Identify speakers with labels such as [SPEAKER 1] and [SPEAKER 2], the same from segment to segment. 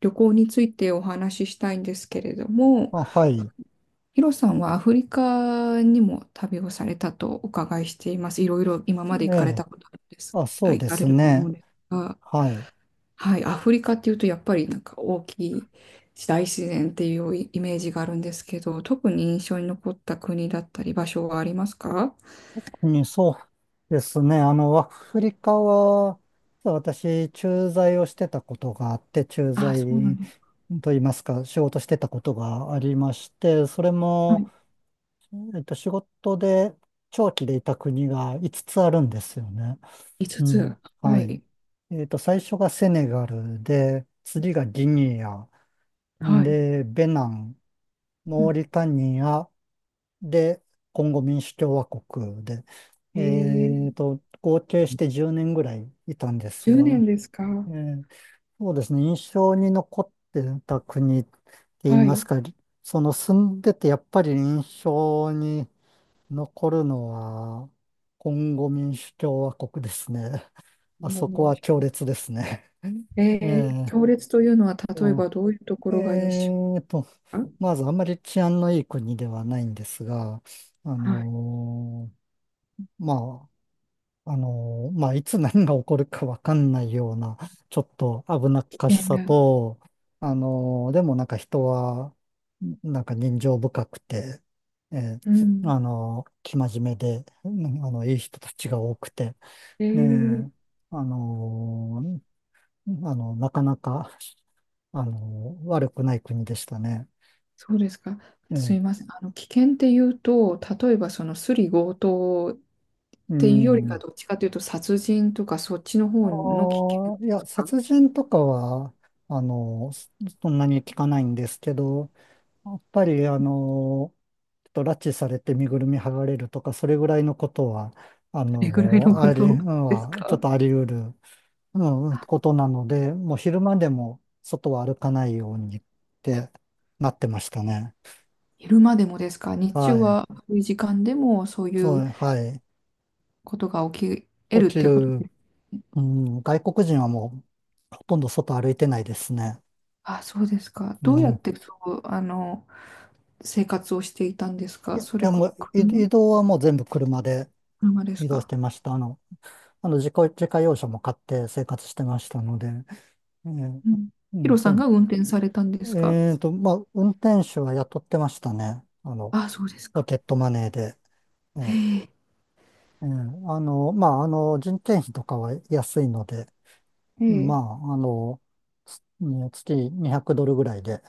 [SPEAKER 1] 旅行についてお話ししたいんですけれども、
[SPEAKER 2] あ、はい。
[SPEAKER 1] ヒロさんはアフリカにも旅をされたとお伺いしています。いろいろ今まで
[SPEAKER 2] え
[SPEAKER 1] 行かれた
[SPEAKER 2] え。
[SPEAKER 1] ことあるんです、
[SPEAKER 2] あ、そ
[SPEAKER 1] あ、
[SPEAKER 2] う
[SPEAKER 1] 行
[SPEAKER 2] で
[SPEAKER 1] かれ
[SPEAKER 2] す
[SPEAKER 1] ると思う
[SPEAKER 2] ね。
[SPEAKER 1] んですが、
[SPEAKER 2] はい。
[SPEAKER 1] はい、アフリカっていうとやっぱりなんか大きい大自然っていうイメージがあるんですけど、特に印象に残った国だったり場所はありますか？
[SPEAKER 2] そうですね。あの、アフリカは、実は私、駐在をしてたことがあって、駐
[SPEAKER 1] あ、
[SPEAKER 2] 在
[SPEAKER 1] そうなんですか。
[SPEAKER 2] といいますか、仕事してたことがありまして、それ
[SPEAKER 1] は
[SPEAKER 2] も、
[SPEAKER 1] い。
[SPEAKER 2] 仕事で長期でいた国が5つつあるんですよね。
[SPEAKER 1] 5つ。
[SPEAKER 2] うん。
[SPEAKER 1] は
[SPEAKER 2] はい。
[SPEAKER 1] い。
[SPEAKER 2] 最初がセネガルで、次がギニア、
[SPEAKER 1] はい。
[SPEAKER 2] で、ベナン、
[SPEAKER 1] う
[SPEAKER 2] モー
[SPEAKER 1] ん、
[SPEAKER 2] リタニア、で、コンゴ民主共和国で、え
[SPEAKER 1] えー、
[SPEAKER 2] 合計して10年ぐらいいたんです
[SPEAKER 1] 10
[SPEAKER 2] が、
[SPEAKER 1] 年です
[SPEAKER 2] え
[SPEAKER 1] か？
[SPEAKER 2] ーそうですね、印象に残ってた国って言い
[SPEAKER 1] は
[SPEAKER 2] ま
[SPEAKER 1] い。
[SPEAKER 2] すか、その住んでてやっぱり印象に残るのは、コンゴ民主共和国ですね。あそこは強烈ですね。えー
[SPEAKER 1] 強烈というのは、例えばどういうとこ
[SPEAKER 2] え
[SPEAKER 1] ろが印象
[SPEAKER 2] ーと、
[SPEAKER 1] か？
[SPEAKER 2] まずあんまり治安のいい国ではないんですが、あ
[SPEAKER 1] はい、
[SPEAKER 2] のーまあ、あの、まあ、いつ何が起こるかわかんないような、ちょっと危なっ
[SPEAKER 1] 危
[SPEAKER 2] かし
[SPEAKER 1] 険
[SPEAKER 2] さ
[SPEAKER 1] が。
[SPEAKER 2] と、あの、でもなんか人は、なんか人情深くて、え
[SPEAKER 1] うん。
[SPEAKER 2] あの、生真面目で、うん、あの、いい人たちが多くて、
[SPEAKER 1] え
[SPEAKER 2] ね
[SPEAKER 1] ー、
[SPEAKER 2] え、あの、あの、なかなか、あの、悪くない国でしたね。
[SPEAKER 1] そうですか。
[SPEAKER 2] え
[SPEAKER 1] す
[SPEAKER 2] え、
[SPEAKER 1] いません。危険っていうと、例えばそのスリ強盗っ
[SPEAKER 2] う
[SPEAKER 1] ていうよりか、
[SPEAKER 2] ん。
[SPEAKER 1] どっちかというと殺人とかそっちの
[SPEAKER 2] あ
[SPEAKER 1] 方の危険で
[SPEAKER 2] あ、い
[SPEAKER 1] す
[SPEAKER 2] や、
[SPEAKER 1] か？ど
[SPEAKER 2] 殺人とかは、あの、そんなに聞かないんですけど、やっぱり、あの、ちょっと拉致されて身ぐるみ剥がれるとか、それぐらいのことは、あ
[SPEAKER 1] れぐらいの
[SPEAKER 2] の、
[SPEAKER 1] こ
[SPEAKER 2] あり、う
[SPEAKER 1] と
[SPEAKER 2] ん、
[SPEAKER 1] です
[SPEAKER 2] は、ちょっ
[SPEAKER 1] か？
[SPEAKER 2] とあり得る、うん、ことなので、もう昼間でも外は歩かないようにってなってましたね。
[SPEAKER 1] 昼間でもですか？日中
[SPEAKER 2] はい。
[SPEAKER 1] は、そういう時間でもそうい
[SPEAKER 2] そ
[SPEAKER 1] う
[SPEAKER 2] う、はい。
[SPEAKER 1] ことが起き得
[SPEAKER 2] 起
[SPEAKER 1] るっ
[SPEAKER 2] き
[SPEAKER 1] てことです
[SPEAKER 2] る、
[SPEAKER 1] ね？
[SPEAKER 2] うん、外国人はもう、ほとんど外歩いてないですね。
[SPEAKER 1] あ、そうですか。
[SPEAKER 2] う
[SPEAKER 1] どうやっ
[SPEAKER 2] ん。
[SPEAKER 1] てそう、生活をしていたんです
[SPEAKER 2] い
[SPEAKER 1] か？
[SPEAKER 2] や、い
[SPEAKER 1] それ
[SPEAKER 2] や
[SPEAKER 1] こ
[SPEAKER 2] も
[SPEAKER 1] そ
[SPEAKER 2] う、い
[SPEAKER 1] 車。
[SPEAKER 2] 移動はもう全部車で
[SPEAKER 1] 車です
[SPEAKER 2] 移動し
[SPEAKER 1] か？
[SPEAKER 2] てました。あの、あの、自家用車も買って生活してましたので。えー、
[SPEAKER 1] うん、
[SPEAKER 2] う
[SPEAKER 1] ヒ
[SPEAKER 2] ん、
[SPEAKER 1] ロさん
[SPEAKER 2] 全部。
[SPEAKER 1] が運転されたんですか？
[SPEAKER 2] まあ、運転手は雇ってましたね。あの、
[SPEAKER 1] あ、そうです
[SPEAKER 2] ポ
[SPEAKER 1] か。
[SPEAKER 2] ケットマネーで。え
[SPEAKER 1] へ
[SPEAKER 2] ー
[SPEAKER 1] え、
[SPEAKER 2] あの、まあ、あの、人件費とかは安いので、
[SPEAKER 1] へ
[SPEAKER 2] ま
[SPEAKER 1] え、
[SPEAKER 2] あ、あの、つね月200ドルぐらいで、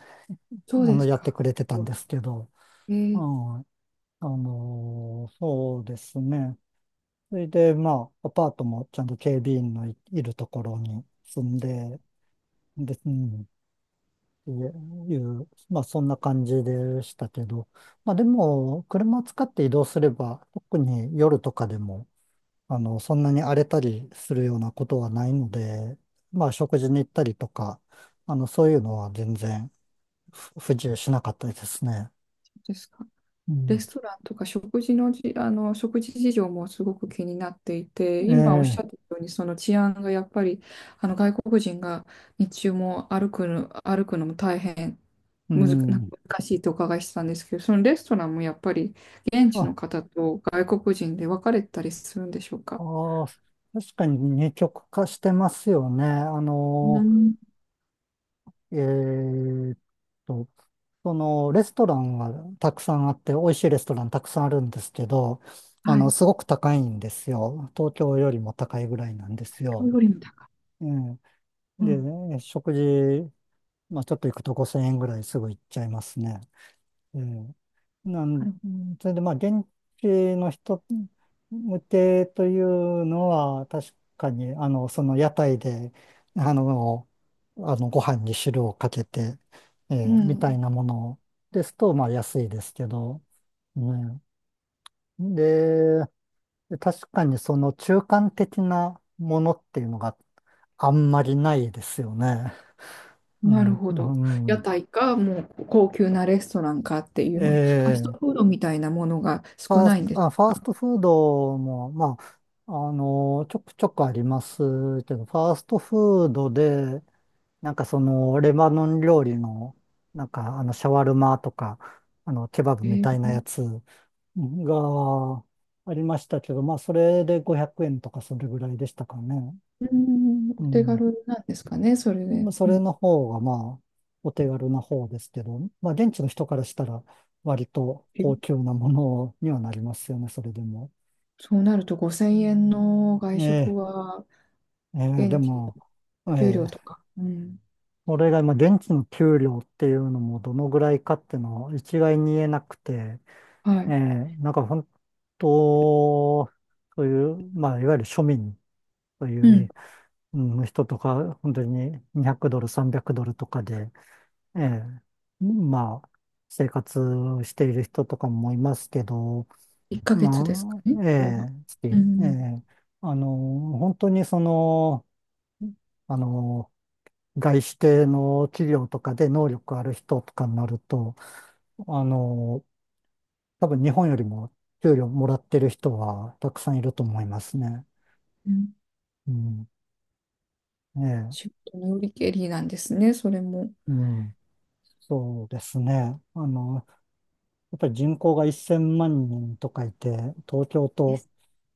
[SPEAKER 1] そう
[SPEAKER 2] あ
[SPEAKER 1] で
[SPEAKER 2] の、
[SPEAKER 1] す
[SPEAKER 2] やって
[SPEAKER 1] か。
[SPEAKER 2] くれてたんですけど、
[SPEAKER 1] え
[SPEAKER 2] う
[SPEAKER 1] え、
[SPEAKER 2] ん、あの、そうですね。それで、まあ、アパートもちゃんと警備員のいるところに住んで、で、うん、いう、まあそんな感じでしたけど、まあでも、車を使って移動すれば、特に夜とかでも、あの、そんなに荒れたりするようなことはないので、まあ食事に行ったりとか、あの、そういうのは全然不自由しなかったですね。
[SPEAKER 1] そうですか。
[SPEAKER 2] う
[SPEAKER 1] レ
[SPEAKER 2] ん。
[SPEAKER 1] ストランとか食事のじ、あの、食事事情もすごく気になっていて、
[SPEAKER 2] え
[SPEAKER 1] 今おっし
[SPEAKER 2] え、
[SPEAKER 1] ゃったように、その治安がやっぱり、外国人が日中も歩くのも大変
[SPEAKER 2] う
[SPEAKER 1] むず、なん
[SPEAKER 2] ん。
[SPEAKER 1] か難しいとお伺いしたんですけど、そのレストランもやっぱり現地
[SPEAKER 2] あ、
[SPEAKER 1] の方と外国人で分かれたりするんでしょうか？
[SPEAKER 2] ああ、確かに二極化してますよね。あ
[SPEAKER 1] う
[SPEAKER 2] の、
[SPEAKER 1] ん、
[SPEAKER 2] えーっと、そのレストランはたくさんあって、美味しいレストランたくさんあるんですけど、あ
[SPEAKER 1] は
[SPEAKER 2] の、
[SPEAKER 1] い。
[SPEAKER 2] すごく高いんですよ。東京よりも高いぐらいなんです
[SPEAKER 1] 今日
[SPEAKER 2] よ。
[SPEAKER 1] よりも高
[SPEAKER 2] うん。
[SPEAKER 1] い。うん、は
[SPEAKER 2] で、食事、まあちょっと行くと5000円ぐらいすぐ行っちゃいますね。ええ、なん、
[SPEAKER 1] い、
[SPEAKER 2] それでまあ、現地の人向けというのは、確かに、あの、その屋台で、あの、あのご飯に汁をかけて、え
[SPEAKER 1] う
[SPEAKER 2] えみたい
[SPEAKER 1] ん。
[SPEAKER 2] なものですと、まあ、安いですけど、ね。で、確かにその中間的なものっていうのがあんまりないですよね。う
[SPEAKER 1] なる
[SPEAKER 2] ん、
[SPEAKER 1] ほど。
[SPEAKER 2] う
[SPEAKER 1] 屋
[SPEAKER 2] ん、
[SPEAKER 1] 台か、もう高級なレストランかっていうような、ファス
[SPEAKER 2] ええ、
[SPEAKER 1] トフードみたいなものが少ないんです
[SPEAKER 2] ファース
[SPEAKER 1] か？
[SPEAKER 2] トフードも、まあ、あの、ちょくちょくありますけど、ファーストフードで、なんかその、レバノン料理の、なんか、あの、シャワルマとか、あの、ケバブ
[SPEAKER 1] え
[SPEAKER 2] みたいな
[SPEAKER 1] ー、
[SPEAKER 2] やつがありましたけど、まあ、それで500円とかそれぐらいでしたかね。
[SPEAKER 1] うん、お
[SPEAKER 2] う
[SPEAKER 1] 手
[SPEAKER 2] ん。
[SPEAKER 1] 軽なんですかね、それ
[SPEAKER 2] ま
[SPEAKER 1] で。
[SPEAKER 2] あそ
[SPEAKER 1] う
[SPEAKER 2] れ
[SPEAKER 1] ん、
[SPEAKER 2] の方が、まあ、お手軽な方ですけど、まあ、現地の人からしたら、割と
[SPEAKER 1] え
[SPEAKER 2] 高級なものにはなりますよね、それでも。
[SPEAKER 1] そうなると
[SPEAKER 2] う
[SPEAKER 1] 5000円
[SPEAKER 2] ん、
[SPEAKER 1] の外
[SPEAKER 2] え
[SPEAKER 1] 食
[SPEAKER 2] え、
[SPEAKER 1] は、
[SPEAKER 2] ええ、で
[SPEAKER 1] 現地の
[SPEAKER 2] も、え
[SPEAKER 1] 給料
[SPEAKER 2] え、
[SPEAKER 1] とか、うん、
[SPEAKER 2] それが今、現地の給料っていうのもどのぐらいかっていうのを一概に言えなくて、
[SPEAKER 1] は
[SPEAKER 2] え
[SPEAKER 1] い、
[SPEAKER 2] え、なんか本当、そういう、まあ、いわゆる庶民と
[SPEAKER 1] う
[SPEAKER 2] い
[SPEAKER 1] ん、
[SPEAKER 2] う、うん、人とか、本当に200ドル、300ドルとかで、ええ、まあ、生活している人とかもいますけど、
[SPEAKER 1] 1ヶ月ですか
[SPEAKER 2] ま
[SPEAKER 1] ね、
[SPEAKER 2] あ、
[SPEAKER 1] それ
[SPEAKER 2] え
[SPEAKER 1] は。
[SPEAKER 2] え、
[SPEAKER 1] う
[SPEAKER 2] え
[SPEAKER 1] ん、
[SPEAKER 2] え、あの、本当にその、あの、外資系の企業とかで能力ある人とかになると、あの、多分日本よりも給料もらってる人はたくさんいると思いますね。
[SPEAKER 1] うん、
[SPEAKER 2] うん。ね
[SPEAKER 1] 仕事のよりけりなんですね、それも。
[SPEAKER 2] え。うん。そうですね。あの、やっぱり人口が1000万人とかいて、東京と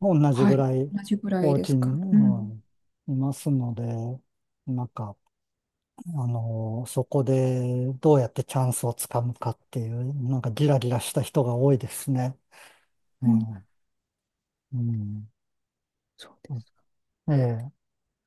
[SPEAKER 2] 同じ
[SPEAKER 1] は
[SPEAKER 2] ぐ
[SPEAKER 1] い、
[SPEAKER 2] らい
[SPEAKER 1] 同じぐらい
[SPEAKER 2] 大
[SPEAKER 1] で
[SPEAKER 2] き
[SPEAKER 1] す
[SPEAKER 2] い、う
[SPEAKER 1] か？うん、
[SPEAKER 2] ん、いますので、なんか、あの、そこでどうやってチャンスをつかむかっていう、なんかギラギラした人が多いですね。え
[SPEAKER 1] うん、
[SPEAKER 2] え、うん。
[SPEAKER 1] そうです。
[SPEAKER 2] ええ、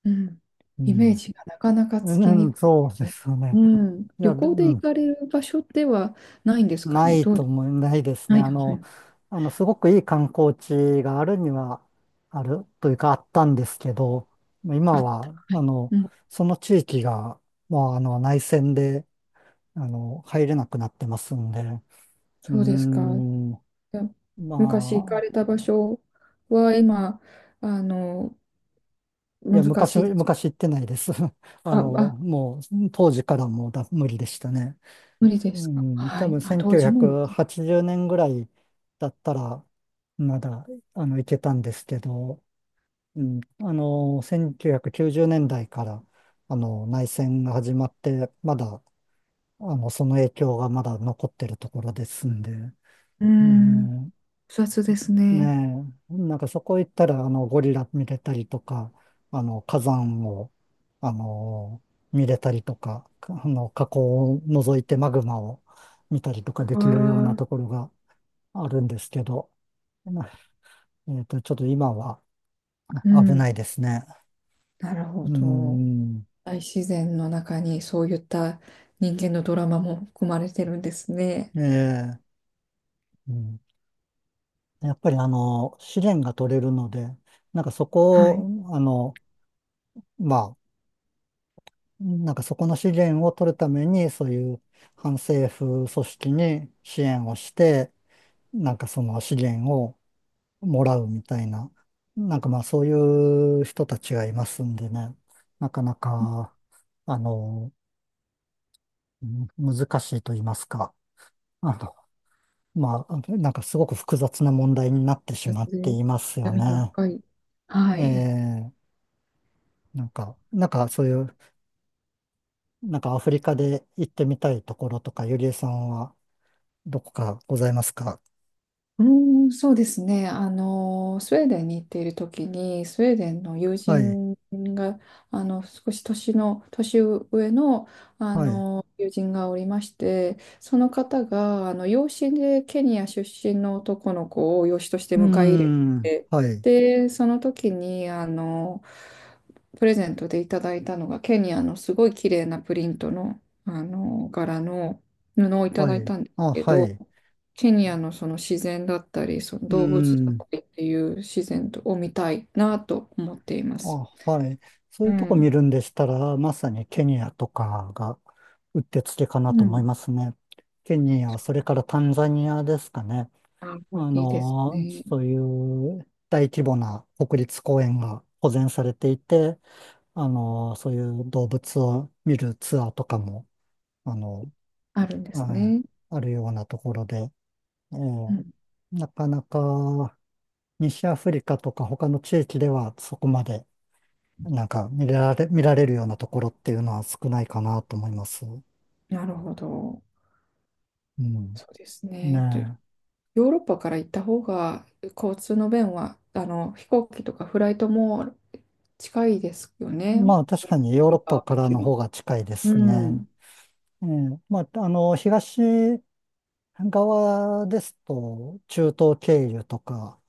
[SPEAKER 1] うん、
[SPEAKER 2] う
[SPEAKER 1] イメー
[SPEAKER 2] ん。
[SPEAKER 1] ジがなかなかつ
[SPEAKER 2] う
[SPEAKER 1] きにく
[SPEAKER 2] ん、
[SPEAKER 1] いけ
[SPEAKER 2] そうで
[SPEAKER 1] ど、
[SPEAKER 2] すよ
[SPEAKER 1] う
[SPEAKER 2] ね。
[SPEAKER 1] ん、
[SPEAKER 2] いや、
[SPEAKER 1] 旅
[SPEAKER 2] で、
[SPEAKER 1] 行で
[SPEAKER 2] う
[SPEAKER 1] 行
[SPEAKER 2] ん、
[SPEAKER 1] かれる場所ではないんですか
[SPEAKER 2] な
[SPEAKER 1] ね。
[SPEAKER 2] い
[SPEAKER 1] ど
[SPEAKER 2] と
[SPEAKER 1] う、
[SPEAKER 2] 思い、ないです
[SPEAKER 1] な
[SPEAKER 2] ね。
[SPEAKER 1] い
[SPEAKER 2] あ
[SPEAKER 1] か
[SPEAKER 2] の、
[SPEAKER 1] な。
[SPEAKER 2] あの、すごくいい観光地があるには、あるというか、あったんですけど、
[SPEAKER 1] あ
[SPEAKER 2] 今
[SPEAKER 1] った。
[SPEAKER 2] は、
[SPEAKER 1] は
[SPEAKER 2] あ
[SPEAKER 1] い。
[SPEAKER 2] の、
[SPEAKER 1] うん、
[SPEAKER 2] その地域が、まあ、あの、内戦で、あの、入れなくなってますんで、うー
[SPEAKER 1] そうですか。
[SPEAKER 2] ん、ま
[SPEAKER 1] じゃあ昔行かれ
[SPEAKER 2] あ、
[SPEAKER 1] た場所は今、あの、
[SPEAKER 2] い
[SPEAKER 1] 難
[SPEAKER 2] や、昔、
[SPEAKER 1] しいですか？
[SPEAKER 2] 昔行ってないです。あ
[SPEAKER 1] あ、
[SPEAKER 2] の、
[SPEAKER 1] あ、
[SPEAKER 2] もう、当時からもう無理でしたね。
[SPEAKER 1] 無理で
[SPEAKER 2] う
[SPEAKER 1] すか。
[SPEAKER 2] ん、
[SPEAKER 1] は
[SPEAKER 2] 多
[SPEAKER 1] い。
[SPEAKER 2] 分
[SPEAKER 1] あ、当時も無
[SPEAKER 2] 1980
[SPEAKER 1] 理。
[SPEAKER 2] 年ぐらいだったら、まだ、あの、いけたんですけど、うん、あの、1990年代から、あの、内戦が始まって、まだ、あの、その影響がまだ残ってるところですんで、
[SPEAKER 1] うん、
[SPEAKER 2] ね
[SPEAKER 1] 複雑ですね。
[SPEAKER 2] ねえ、なんかそこ行ったら、あの、ゴリラ見れたりとか、あの、火山を、あの、見れたりとか、あの、火口を覗いてマグマを見たりとかで
[SPEAKER 1] あ
[SPEAKER 2] きるような
[SPEAKER 1] あ、
[SPEAKER 2] ところがあるんですけど、なちょっと今は
[SPEAKER 1] う
[SPEAKER 2] 危
[SPEAKER 1] ん、
[SPEAKER 2] ないですね。
[SPEAKER 1] なるほ
[SPEAKER 2] うー
[SPEAKER 1] ど。
[SPEAKER 2] ん、
[SPEAKER 1] 大自然の中にそういった人間のドラマも含まれてるんですね。
[SPEAKER 2] ええ、うん、やっぱりあの、試練が取れるので、なんかそ
[SPEAKER 1] は
[SPEAKER 2] こ
[SPEAKER 1] い。
[SPEAKER 2] を、あの、まあ、なんかそこの資源を取るために、そういう反政府組織に支援をして、なんかその資源をもらうみたいな、なんかまあそういう人たちがいますんでね、なかなか、あの、うん、難しいと言いますか、あの、まあ、なんかすごく複雑な問題になってし
[SPEAKER 1] そ
[SPEAKER 2] まっ
[SPEAKER 1] れ
[SPEAKER 2] て
[SPEAKER 1] で
[SPEAKER 2] いますよ
[SPEAKER 1] 闇が
[SPEAKER 2] ね。
[SPEAKER 1] 深い。は
[SPEAKER 2] え
[SPEAKER 1] い。
[SPEAKER 2] え、なんか、なんかそういう、なんかアフリカで行ってみたいところとか、ゆりえさんはどこかございますか？
[SPEAKER 1] うーん、そうですね。スウェーデンに行っている時に、スウェーデンの友
[SPEAKER 2] はい、
[SPEAKER 1] 人が、少し年上の、
[SPEAKER 2] はい。う
[SPEAKER 1] 友人がおりまして、その方が、養子でケニア出身の男の子を養子として
[SPEAKER 2] ー
[SPEAKER 1] 迎え入れ
[SPEAKER 2] ん、
[SPEAKER 1] て、
[SPEAKER 2] はい、
[SPEAKER 1] で、その時に、プレゼントでいただいたのが、ケニアのすごい綺麗なプリントの、柄の布をいた
[SPEAKER 2] は
[SPEAKER 1] だい
[SPEAKER 2] い。
[SPEAKER 1] たんです
[SPEAKER 2] あ、
[SPEAKER 1] け
[SPEAKER 2] はい。
[SPEAKER 1] ど、
[SPEAKER 2] う
[SPEAKER 1] ケニアのその自然だったり、その
[SPEAKER 2] ー
[SPEAKER 1] 動物だっ
[SPEAKER 2] ん、
[SPEAKER 1] たりっていう自然を見たいなと思っています。
[SPEAKER 2] あ、はい。そう
[SPEAKER 1] う
[SPEAKER 2] いうとこ
[SPEAKER 1] ん。
[SPEAKER 2] 見るんでしたら、まさにケニアとかがうってつけかな
[SPEAKER 1] う
[SPEAKER 2] と思い
[SPEAKER 1] ん。
[SPEAKER 2] ますね。ケニア、それからタンザニアですかね。
[SPEAKER 1] あ、いいですね。
[SPEAKER 2] そういう大規模な国立公園が保全されていて、そういう動物を見るツアーとかも、あの、
[SPEAKER 1] あるんです
[SPEAKER 2] はい、
[SPEAKER 1] ね。
[SPEAKER 2] あるようなところで、え
[SPEAKER 1] う
[SPEAKER 2] え、
[SPEAKER 1] ん。
[SPEAKER 2] なかなか西アフリカとか他の地域ではそこまでなんか見られるようなところっていうのは少ないかなと思います。う
[SPEAKER 1] なるほど。
[SPEAKER 2] ん。
[SPEAKER 1] そうですね。とヨ
[SPEAKER 2] ね
[SPEAKER 1] ーロッパから行った方が交通の便は、飛行機とかフライトも近いですよ
[SPEAKER 2] え。
[SPEAKER 1] ね。日本
[SPEAKER 2] まあ確かに
[SPEAKER 1] よ
[SPEAKER 2] ヨーロ
[SPEAKER 1] り
[SPEAKER 2] ッ
[SPEAKER 1] は
[SPEAKER 2] パ
[SPEAKER 1] も
[SPEAKER 2] から
[SPEAKER 1] ち
[SPEAKER 2] の
[SPEAKER 1] ろ
[SPEAKER 2] 方
[SPEAKER 1] ん。
[SPEAKER 2] が近いで
[SPEAKER 1] う
[SPEAKER 2] すね。
[SPEAKER 1] ん。
[SPEAKER 2] ええ、まああの東側ですと中東経由とか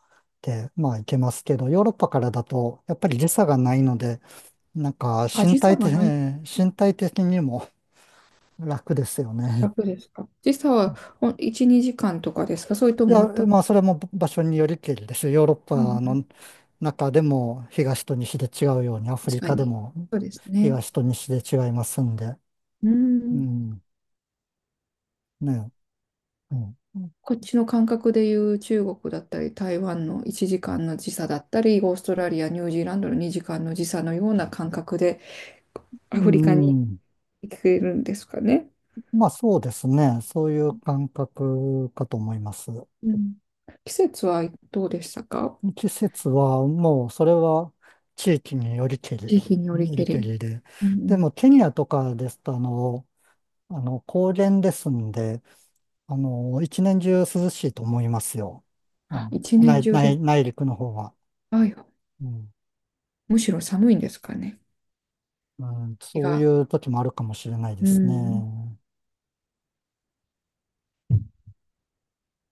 [SPEAKER 2] でまあ行けますけど、ヨーロッパからだとやっぱり時差がないので、なんか
[SPEAKER 1] あ、
[SPEAKER 2] 身
[SPEAKER 1] 時差
[SPEAKER 2] 体
[SPEAKER 1] が
[SPEAKER 2] 的、
[SPEAKER 1] ない。
[SPEAKER 2] 身体的にも楽ですよね。
[SPEAKER 1] 楽ですか？時差は1、2時間とかですか？それと
[SPEAKER 2] い
[SPEAKER 1] も
[SPEAKER 2] や、
[SPEAKER 1] 全く。
[SPEAKER 2] まあ、それも場所によりけりですよ。ヨーロッパの中でも東と西で違うように、アフ
[SPEAKER 1] 確
[SPEAKER 2] リ
[SPEAKER 1] か
[SPEAKER 2] カで
[SPEAKER 1] に。
[SPEAKER 2] も
[SPEAKER 1] そうですね。
[SPEAKER 2] 東と西で違いますんで。
[SPEAKER 1] う
[SPEAKER 2] う
[SPEAKER 1] ん。
[SPEAKER 2] ん。ね。うん。
[SPEAKER 1] こっちの感覚でいう中国だったり、台湾の1時間の時差だったり、オーストラリア、ニュージーランドの2時間の時差のような感覚で、ア
[SPEAKER 2] う
[SPEAKER 1] フリカに
[SPEAKER 2] ん、
[SPEAKER 1] 行けるんですかね。
[SPEAKER 2] まあ、そうですね。そういう感覚かと思います。
[SPEAKER 1] うん。季節はどうでしたか？
[SPEAKER 2] 季節はもう、それは地域によりけり、よ
[SPEAKER 1] 地域によりけ
[SPEAKER 2] りけ
[SPEAKER 1] り。
[SPEAKER 2] りで。
[SPEAKER 1] うんう
[SPEAKER 2] でも、
[SPEAKER 1] ん。
[SPEAKER 2] ケニアとかですと、あの、あの、高原ですんで、あの、一年中涼しいと思いますよ。あ
[SPEAKER 1] あ、
[SPEAKER 2] の、
[SPEAKER 1] 一年中です。
[SPEAKER 2] 内陸の方は。
[SPEAKER 1] あ、
[SPEAKER 2] うん、
[SPEAKER 1] むしろ寒いんですかね。
[SPEAKER 2] うん、
[SPEAKER 1] 日
[SPEAKER 2] そうい
[SPEAKER 1] が。
[SPEAKER 2] う時もあるかもしれないで
[SPEAKER 1] う
[SPEAKER 2] す
[SPEAKER 1] ん。
[SPEAKER 2] ね。